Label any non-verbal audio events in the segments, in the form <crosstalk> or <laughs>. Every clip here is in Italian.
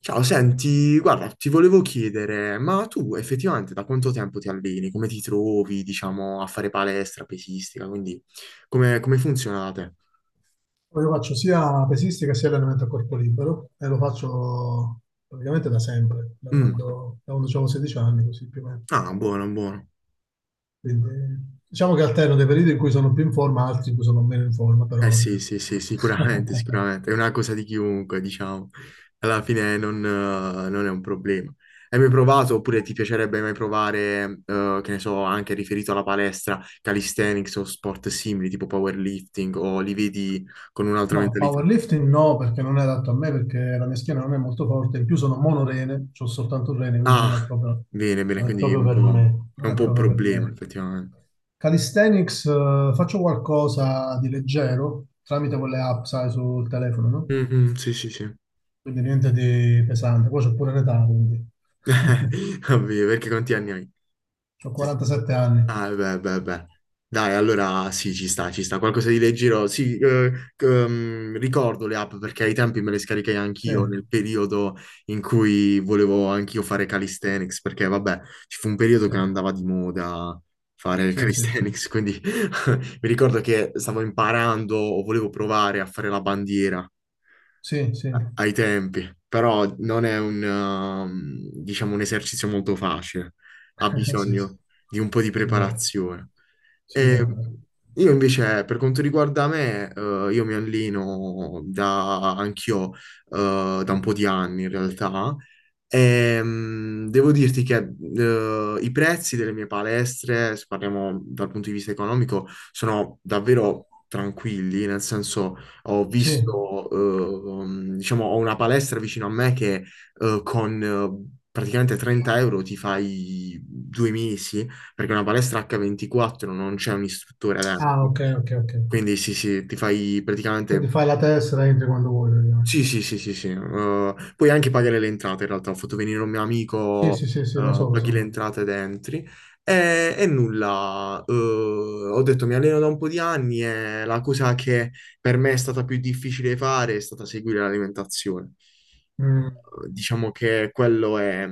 Ciao, senti, guarda, ti volevo chiedere, ma tu effettivamente da quanto tempo ti alleni? Come ti trovi, diciamo, a fare palestra, pesistica? Quindi, come funzionate? Io faccio sia pesistica sia allenamento a corpo libero e lo faccio praticamente da sempre, da quando, Mm. da quando avevo 16 anni, così più o meno. Ah, buono, buono. Quindi, diciamo che alterno dei periodi in cui sono più in forma, altri in cui sono meno in forma, però Eh vabbè. sì, sì, sì, sicuramente, <laughs> sicuramente. È una cosa di chiunque, diciamo. Alla fine non è un problema. Hai mai provato, oppure ti piacerebbe mai provare, che ne so, anche riferito alla palestra, calisthenics o sport simili, tipo powerlifting, o li vedi con un'altra No, mentalità? powerlifting no, perché non è adatto a me, perché la mia schiena non è molto forte, in più sono monorene, ho soltanto un rene, quindi Ah, bene, bene, non è quindi è proprio un per po', me, è non un è po' un proprio per problema, me. effettivamente. Calisthenics, faccio qualcosa di leggero tramite quelle app, sai, sul telefono, no? Mhm, sì, sì, sì. Quindi niente di pesante. Poi c'ho pure l'età, quindi. <laughs> <laughs> Ovvio, perché quanti anni hai? Ho Sì, sì. 47 anni. Ah, beh, beh, beh. Dai, allora sì, ci sta, ci sta. Qualcosa di leggero. Sì, ricordo le app perché ai tempi me le scaricai Sì, anch'io nel periodo in cui volevo anch'io fare calisthenics, perché vabbè, ci fu un periodo sì, che andava di moda fare sì, sì, sì. calisthenics, quindi <laughs> mi ricordo che stavo imparando o volevo provare a fare la bandiera. Sì, sì, Ai tempi, però non è diciamo, un esercizio molto facile, ha <laughs> sì, sì, bisogno di un po' di sì, vero, preparazione. sì, E vero, vero. io invece, per quanto riguarda me, io mi alleno anch'io, da un po' di anni in realtà, e, devo dirti che i prezzi delle mie palestre, se parliamo dal punto di vista economico, sono davvero tranquilli, nel senso ho Sì. visto, diciamo, ho una palestra vicino a me che con praticamente 30 euro ti fai 2 mesi, perché è una palestra H24 non c'è un istruttore Ah, dentro. ok, ok, ok. Quindi sì, sì, ti fai Quindi praticamente fai la tessera e entri quando vuoi, sì, praticamente. sì, sì, sì, sì. Puoi anche pagare le entrate, in realtà. Ho fatto venire un mio Sì, amico, sì, sì, sì, lo so, lo paghi le so. entrate ed entri. E nulla, ho detto mi alleno da un po' di anni e la cosa che per me è stata più difficile fare è stata seguire l'alimentazione. Mm. Diciamo che quello è,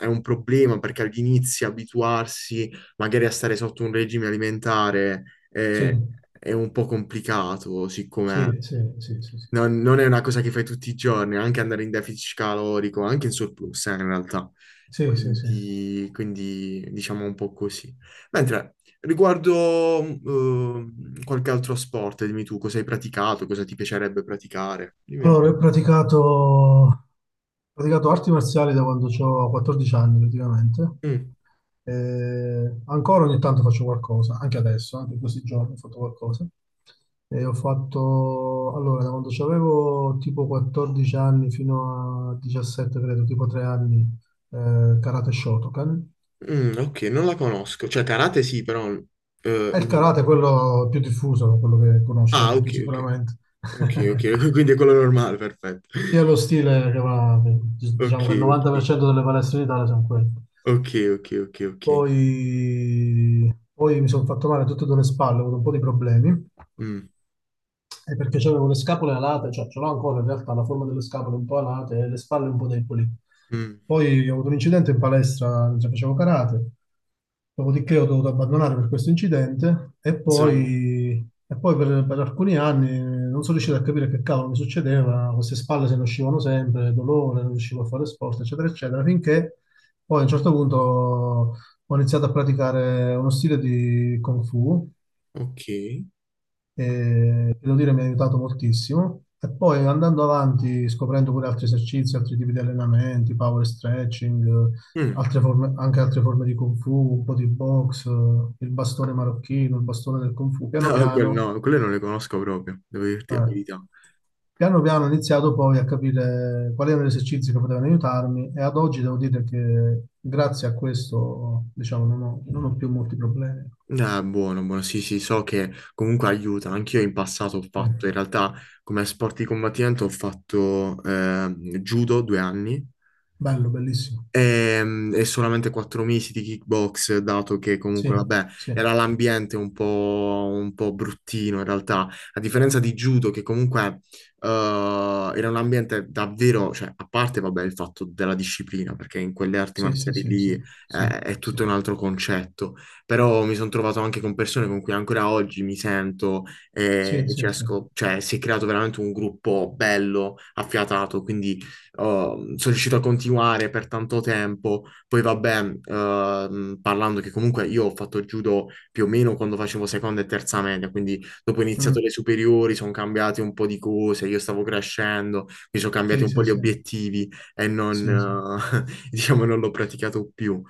è un problema perché agli inizi abituarsi magari a stare sotto un regime alimentare è, Sì, è un po' complicato, siccome sì, sì, sì, sì, sì. non è una cosa che fai tutti i giorni, anche andare in deficit calorico, anche in surplus, in realtà. Sì, sì, sì. Quindi, diciamo un po' così. Mentre riguardo qualche altro sport, dimmi tu cosa hai praticato, cosa ti piacerebbe praticare. Dimmi un Allora, ho praticato arti marziali da quando ho 14 anni praticamente. po'. Mm, Ancora ogni tanto faccio qualcosa, anche adesso, anche in questi giorni ho fatto qualcosa. E ho fatto, allora, da quando avevo tipo 14 anni fino a 17, credo, tipo 3 anni, karate Shotokan. mm, ok, non la conosco. Cioè, karate sì, però... eh, E il non- karate è quello più diffuso, quello che conosci Ah, anche ok, tu ok. sicuramente. Ok, ok, <laughs> <laughs> quindi è quello normale, perfetto. Sì, è <laughs> lo stile che va, Ok, diciamo che il ok, 90% delle palestre in Italia sono quelle. ok, ok, ok, ok. Poi mi sono fatto male a tutte e due le spalle, ho avuto un po' di problemi Mm, è perché avevo le scapole alate, cioè ce l'ho ancora in realtà la forma delle scapole un po' alate e le spalle un po' deboli. mm. Poi ho avuto un incidente in palestra mentre facevo karate, dopodiché ho dovuto abbandonare per questo incidente e Insomma. poi, e poi per alcuni anni non sono riuscito a capire che cavolo mi succedeva, queste spalle se ne uscivano sempre, dolore, non riuscivo a fare sport, eccetera, eccetera, finché poi a un certo punto ho iniziato a praticare uno stile di Kung Fu Ok. e devo dire mi ha aiutato moltissimo. E poi andando avanti, scoprendo pure altri esercizi, altri tipi di allenamenti, power stretching, eh, Mm. Anche altre forme di Kung Fu, un po' di box, il bastone marocchino, il bastone del Kung Fu, No, piano <laughs> piano. no, quelle non le conosco proprio, devo dirti la eh, verità. Piano piano ho iniziato poi a capire quali erano gli esercizi che potevano aiutarmi e ad oggi devo dire che grazie a questo, diciamo, non ho più molti problemi. Ah, buono, buono, sì, sì, so che comunque aiuta. Anch'io in passato ho Eh, fatto, in realtà, come sport di combattimento ho fatto judo 2 anni. Bello, bellissimo. E, solamente 4 mesi di kickbox, dato che comunque, Sì, vabbè, sì. era l'ambiente un po' bruttino in realtà, a differenza di judo, che comunque eh, era un ambiente davvero, cioè, a parte, vabbè, il fatto della disciplina, perché in quelle arti Sì, sì, marziali sì, lì sì, sì, è sì, tutto un altro concetto, però mi sono trovato anche con persone con cui ancora oggi mi sento e, sì, e ci sì, sì. esco, cioè, si è creato veramente un gruppo bello, affiatato, quindi oh, sono riuscito a continuare per tanto tempo. Poi vabbè, parlando che comunque io ho fatto judo più o meno quando facevo seconda e terza media, quindi dopo ho Mm. iniziato le superiori, sono cambiate un po' di cose, io stavo crescendo, mi sono cambiati Sì, un po' sì, gli sì, obiettivi e non, sì, sì. <laughs> Diciamo, non l'ho praticato più.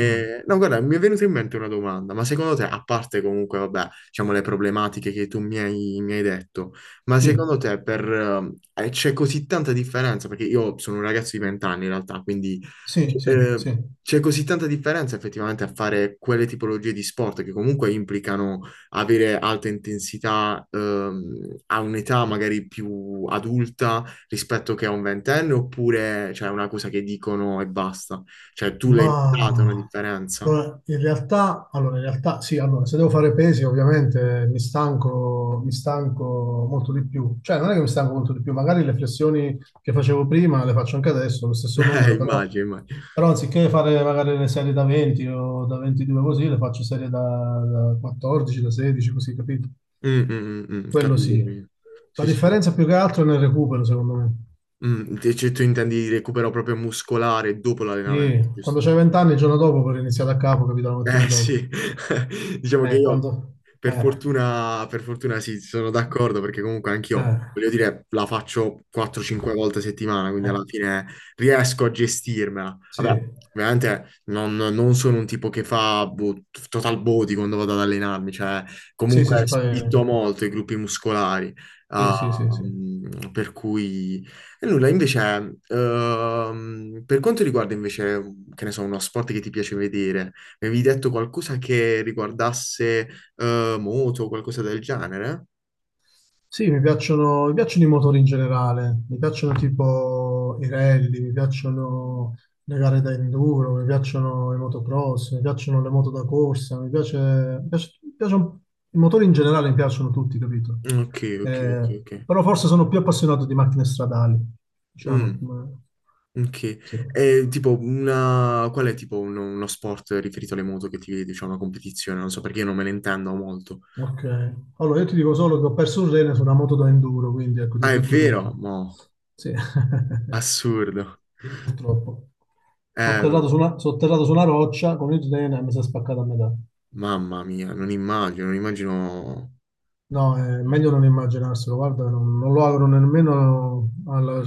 Mm. No, guarda, mi è venuta in mente una domanda, ma secondo te, a parte comunque, vabbè, diciamo le problematiche che tu mi hai detto, ma Sì, secondo te c'è così tanta differenza? Perché io sono un ragazzo di 20 anni in realtà, quindi sì, sì, eh, sì. c'è così tanta differenza effettivamente a fare quelle tipologie di sport che comunque implicano avere alta intensità a un'età magari più adulta rispetto che a un ventenne, oppure c'è una cosa che dicono e basta? Cioè tu l'hai notata una Ma differenza? Allora, in realtà sì, allora, se devo fare pesi ovviamente mi stanco molto di più. Cioè non è che mi stanco molto di più, magari le flessioni che facevo prima le faccio anche adesso, lo <laughs> stesso numero, però, immagino, immagino. però anziché fare magari le serie da 20 o da 22 così, le faccio serie da 14, da 16, così, capito? Mm, mm, mm, mm, Quello capito. sì. Capito. La Sì, sì. differenza più che altro è nel recupero, secondo me. Mm, cioè, tu intendi recupero proprio muscolare dopo l'allenamento, Sì, quando giusto? c'hai 20 anni, il giorno dopo puoi iniziare da capo, capito, la mattina Eh dopo. sì, <laughs> diciamo che Eh, io quando... Eh, per fortuna sì, sono d'accordo perché comunque anch'io, eh, voglio dire, la faccio 4-5 volte a settimana, quindi eh, alla fine riesco a gestirmela. Vabbè, sì, ovviamente non sono un tipo che fa boh, total body quando vado ad allenarmi, cioè sì, sì, comunque spinto molto i gruppi muscolari, Sì, sì, ah, sì, sì. Per cui. E nulla, invece, per quanto riguarda invece, che ne so, uno sport che ti piace vedere, avevi detto qualcosa che riguardasse moto o qualcosa del genere? Sì, mi piacciono i motori in generale, mi piacciono tipo i rally, mi piacciono le gare da enduro, mi piacciono i motocross, mi piacciono le moto da corsa, mi piace, mi piace- mi piacciono- i motori in generale mi piacciono tutti, capito? Ok, ok, ok, Eh, ok. Però forse sono più appassionato di macchine stradali, diciamo. Mm, ok. Sì. E tipo Qual è tipo uno sport riferito alle moto che ti vedi? C'è una competizione? Non so perché io non me ne intendo molto. Ok, allora io ti dico solo che ho perso un rene su una moto da enduro, quindi ecco, ti ho Ah, è detto vero? tutto. Mo, Sì, <laughs> assurdo. purtroppo. Sono Eh, atterrato su una, sono atterrato su una roccia con il rene e mi si è spaccato a metà. mamma mia, non immagino, non immagino. No, è meglio non immaginarselo, guarda, non lo auguro nemmeno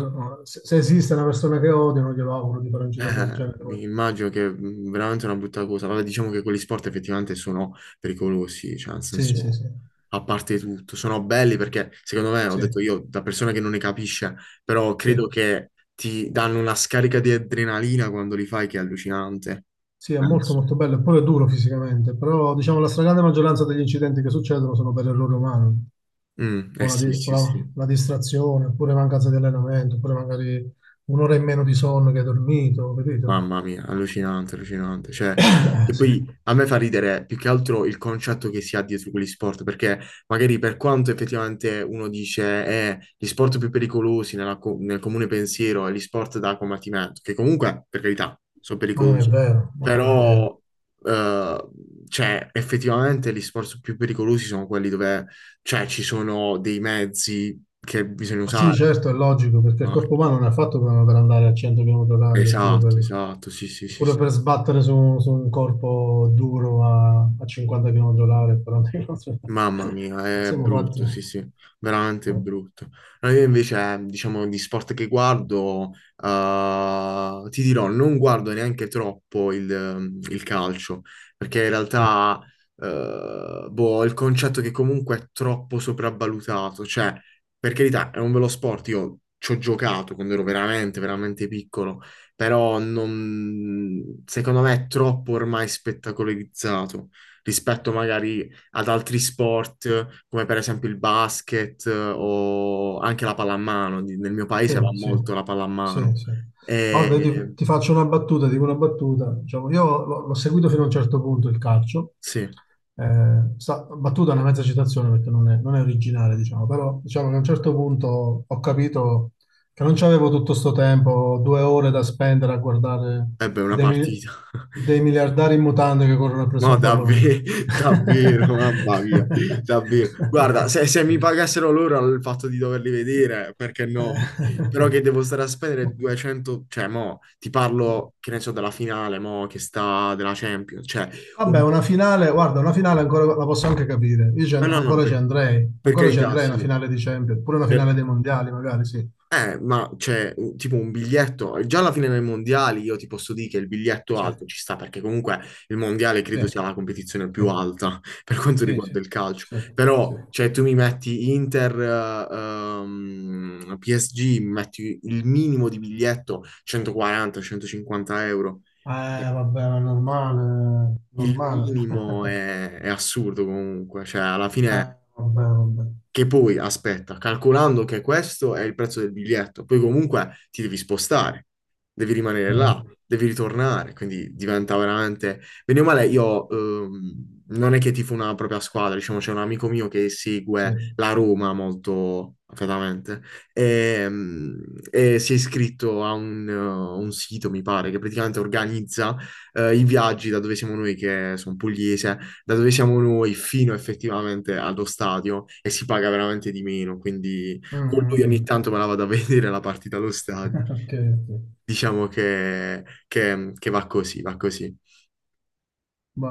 se esiste una persona che odio, non glielo auguro di fare un incidente del genere. Mi Guarda. immagino che è veramente una brutta cosa. Vabbè, diciamo che quegli sport effettivamente sono pericolosi, cioè nel Sì, sì, senso. sì, A parte tutto. Sono belli perché, secondo me, ho sì, detto io, da persona che non ne capisce, però sì, credo che ti danno una scarica di adrenalina quando li fai che è allucinante, sì, è molto penso. molto bello, e pure è duro fisicamente, però diciamo la stragrande maggioranza degli incidenti che succedono sono per errore umano. Mm, eh o la, sì, di- sì, la- sì. la distrazione, oppure mancanza di allenamento, oppure magari un'ora in meno di sonno che hai dormito, capito? Mamma mia, allucinante, allucinante. Cioè, Eh che sì, poi a me fa ridere più che altro il concetto che si ha dietro quegli sport, perché magari per quanto effettivamente uno dice gli sport più pericolosi nella nel comune pensiero è gli sport da combattimento, che comunque, per carità, sono ma non è pericolosi, vero, ma non è vero. però eh, cioè, effettivamente gli sport più pericolosi sono quelli dove cioè, ci sono dei mezzi che bisogna Ah sì, usare. certo, è logico, perché il Ah, corpo umano non è fatto per andare a 100 km orari oppure per, esatto, esatto, sì, sì, sì, oppure sì. per sbattere su un corpo duro a 50 km orari, 40 km Mamma orari. <laughs> mia, è Siamo fatti. brutto, sì, sì, veramente Eh, brutto. No, io invece, diciamo, di sport che guardo, ti dirò, non guardo neanche troppo il calcio, perché in sì. realtà, boh, ho il concetto che comunque è troppo sopravvalutato, cioè, per carità, è un bello sport, io ci ho giocato quando ero veramente, veramente piccolo, però secondo me è troppo ormai spettacolarizzato rispetto magari ad altri sport, come per esempio il basket o anche la pallamano. Nel mio paese Sì, va sì, molto la sì, pallamano. sì. Guarda, io ti, E ti faccio una battuta, dico una battuta. Diciamo, io l'ho seguito fino a un certo punto il calcio. sì, eh Battuta è una mezza citazione perché non è originale, diciamo, però diciamo che a un certo punto ho capito che non c'avevo tutto sto tempo, 2 ore da spendere a guardare beh, una dei, mi- partita. dei <laughs> miliardari in mutande che corrono presso No, un davvero, pallone. <laughs> davvero, mamma mia, davvero. Guarda, se mi <laughs> pagassero loro il fatto di doverli vedere, perché no? Però Eh. che devo stare a spendere 200, cioè mo, ti parlo, che ne so, della finale, mo, che sta della Champions, cioè, Vabbè, un... una finale, guarda, una finale ancora la posso anche capire. Ah, no, no, Ancora ci per, andrei, per ancora ci carità, andrei a una sì. finale di Champions, pure una finale Per- dei mondiali, magari, sì. Ma c'è tipo un biglietto, già alla fine dei mondiali io ti posso dire che il biglietto Sì, alto ci sta, perché comunque il mondiale sì, credo sia la competizione sì, più alta <laughs> per quanto sì, riguarda sì, il calcio, sì, però sì. Cioè, tu mi metti Inter, PSG, mi metti il minimo di biglietto 140-150 euro. Cioè, Vabbè, ma è normale, è il normale. minimo <laughs> è assurdo comunque, cioè alla fine vabbè, vabbè. che poi, aspetta, calcolando che questo è il prezzo del biglietto, poi comunque ti devi spostare, devi rimanere là, Vabbè, devi vabbè. ritornare, quindi diventa veramente. Bene o male, io non è che tifo una propria squadra, diciamo, c'è un amico mio che Sì. segue Mm, la Roma molto affetamente e, mm, e si è iscritto a un sito, mi pare, che praticamente organizza i viaggi da dove siamo noi, che sono pugliese da dove siamo noi fino effettivamente allo stadio e si paga veramente di meno, quindi mm, con lui ogni mm. tanto me la vado a <laughs> vedere la partita allo stadio. <laughs> Ok, ok. Diciamo che va così, va così. Va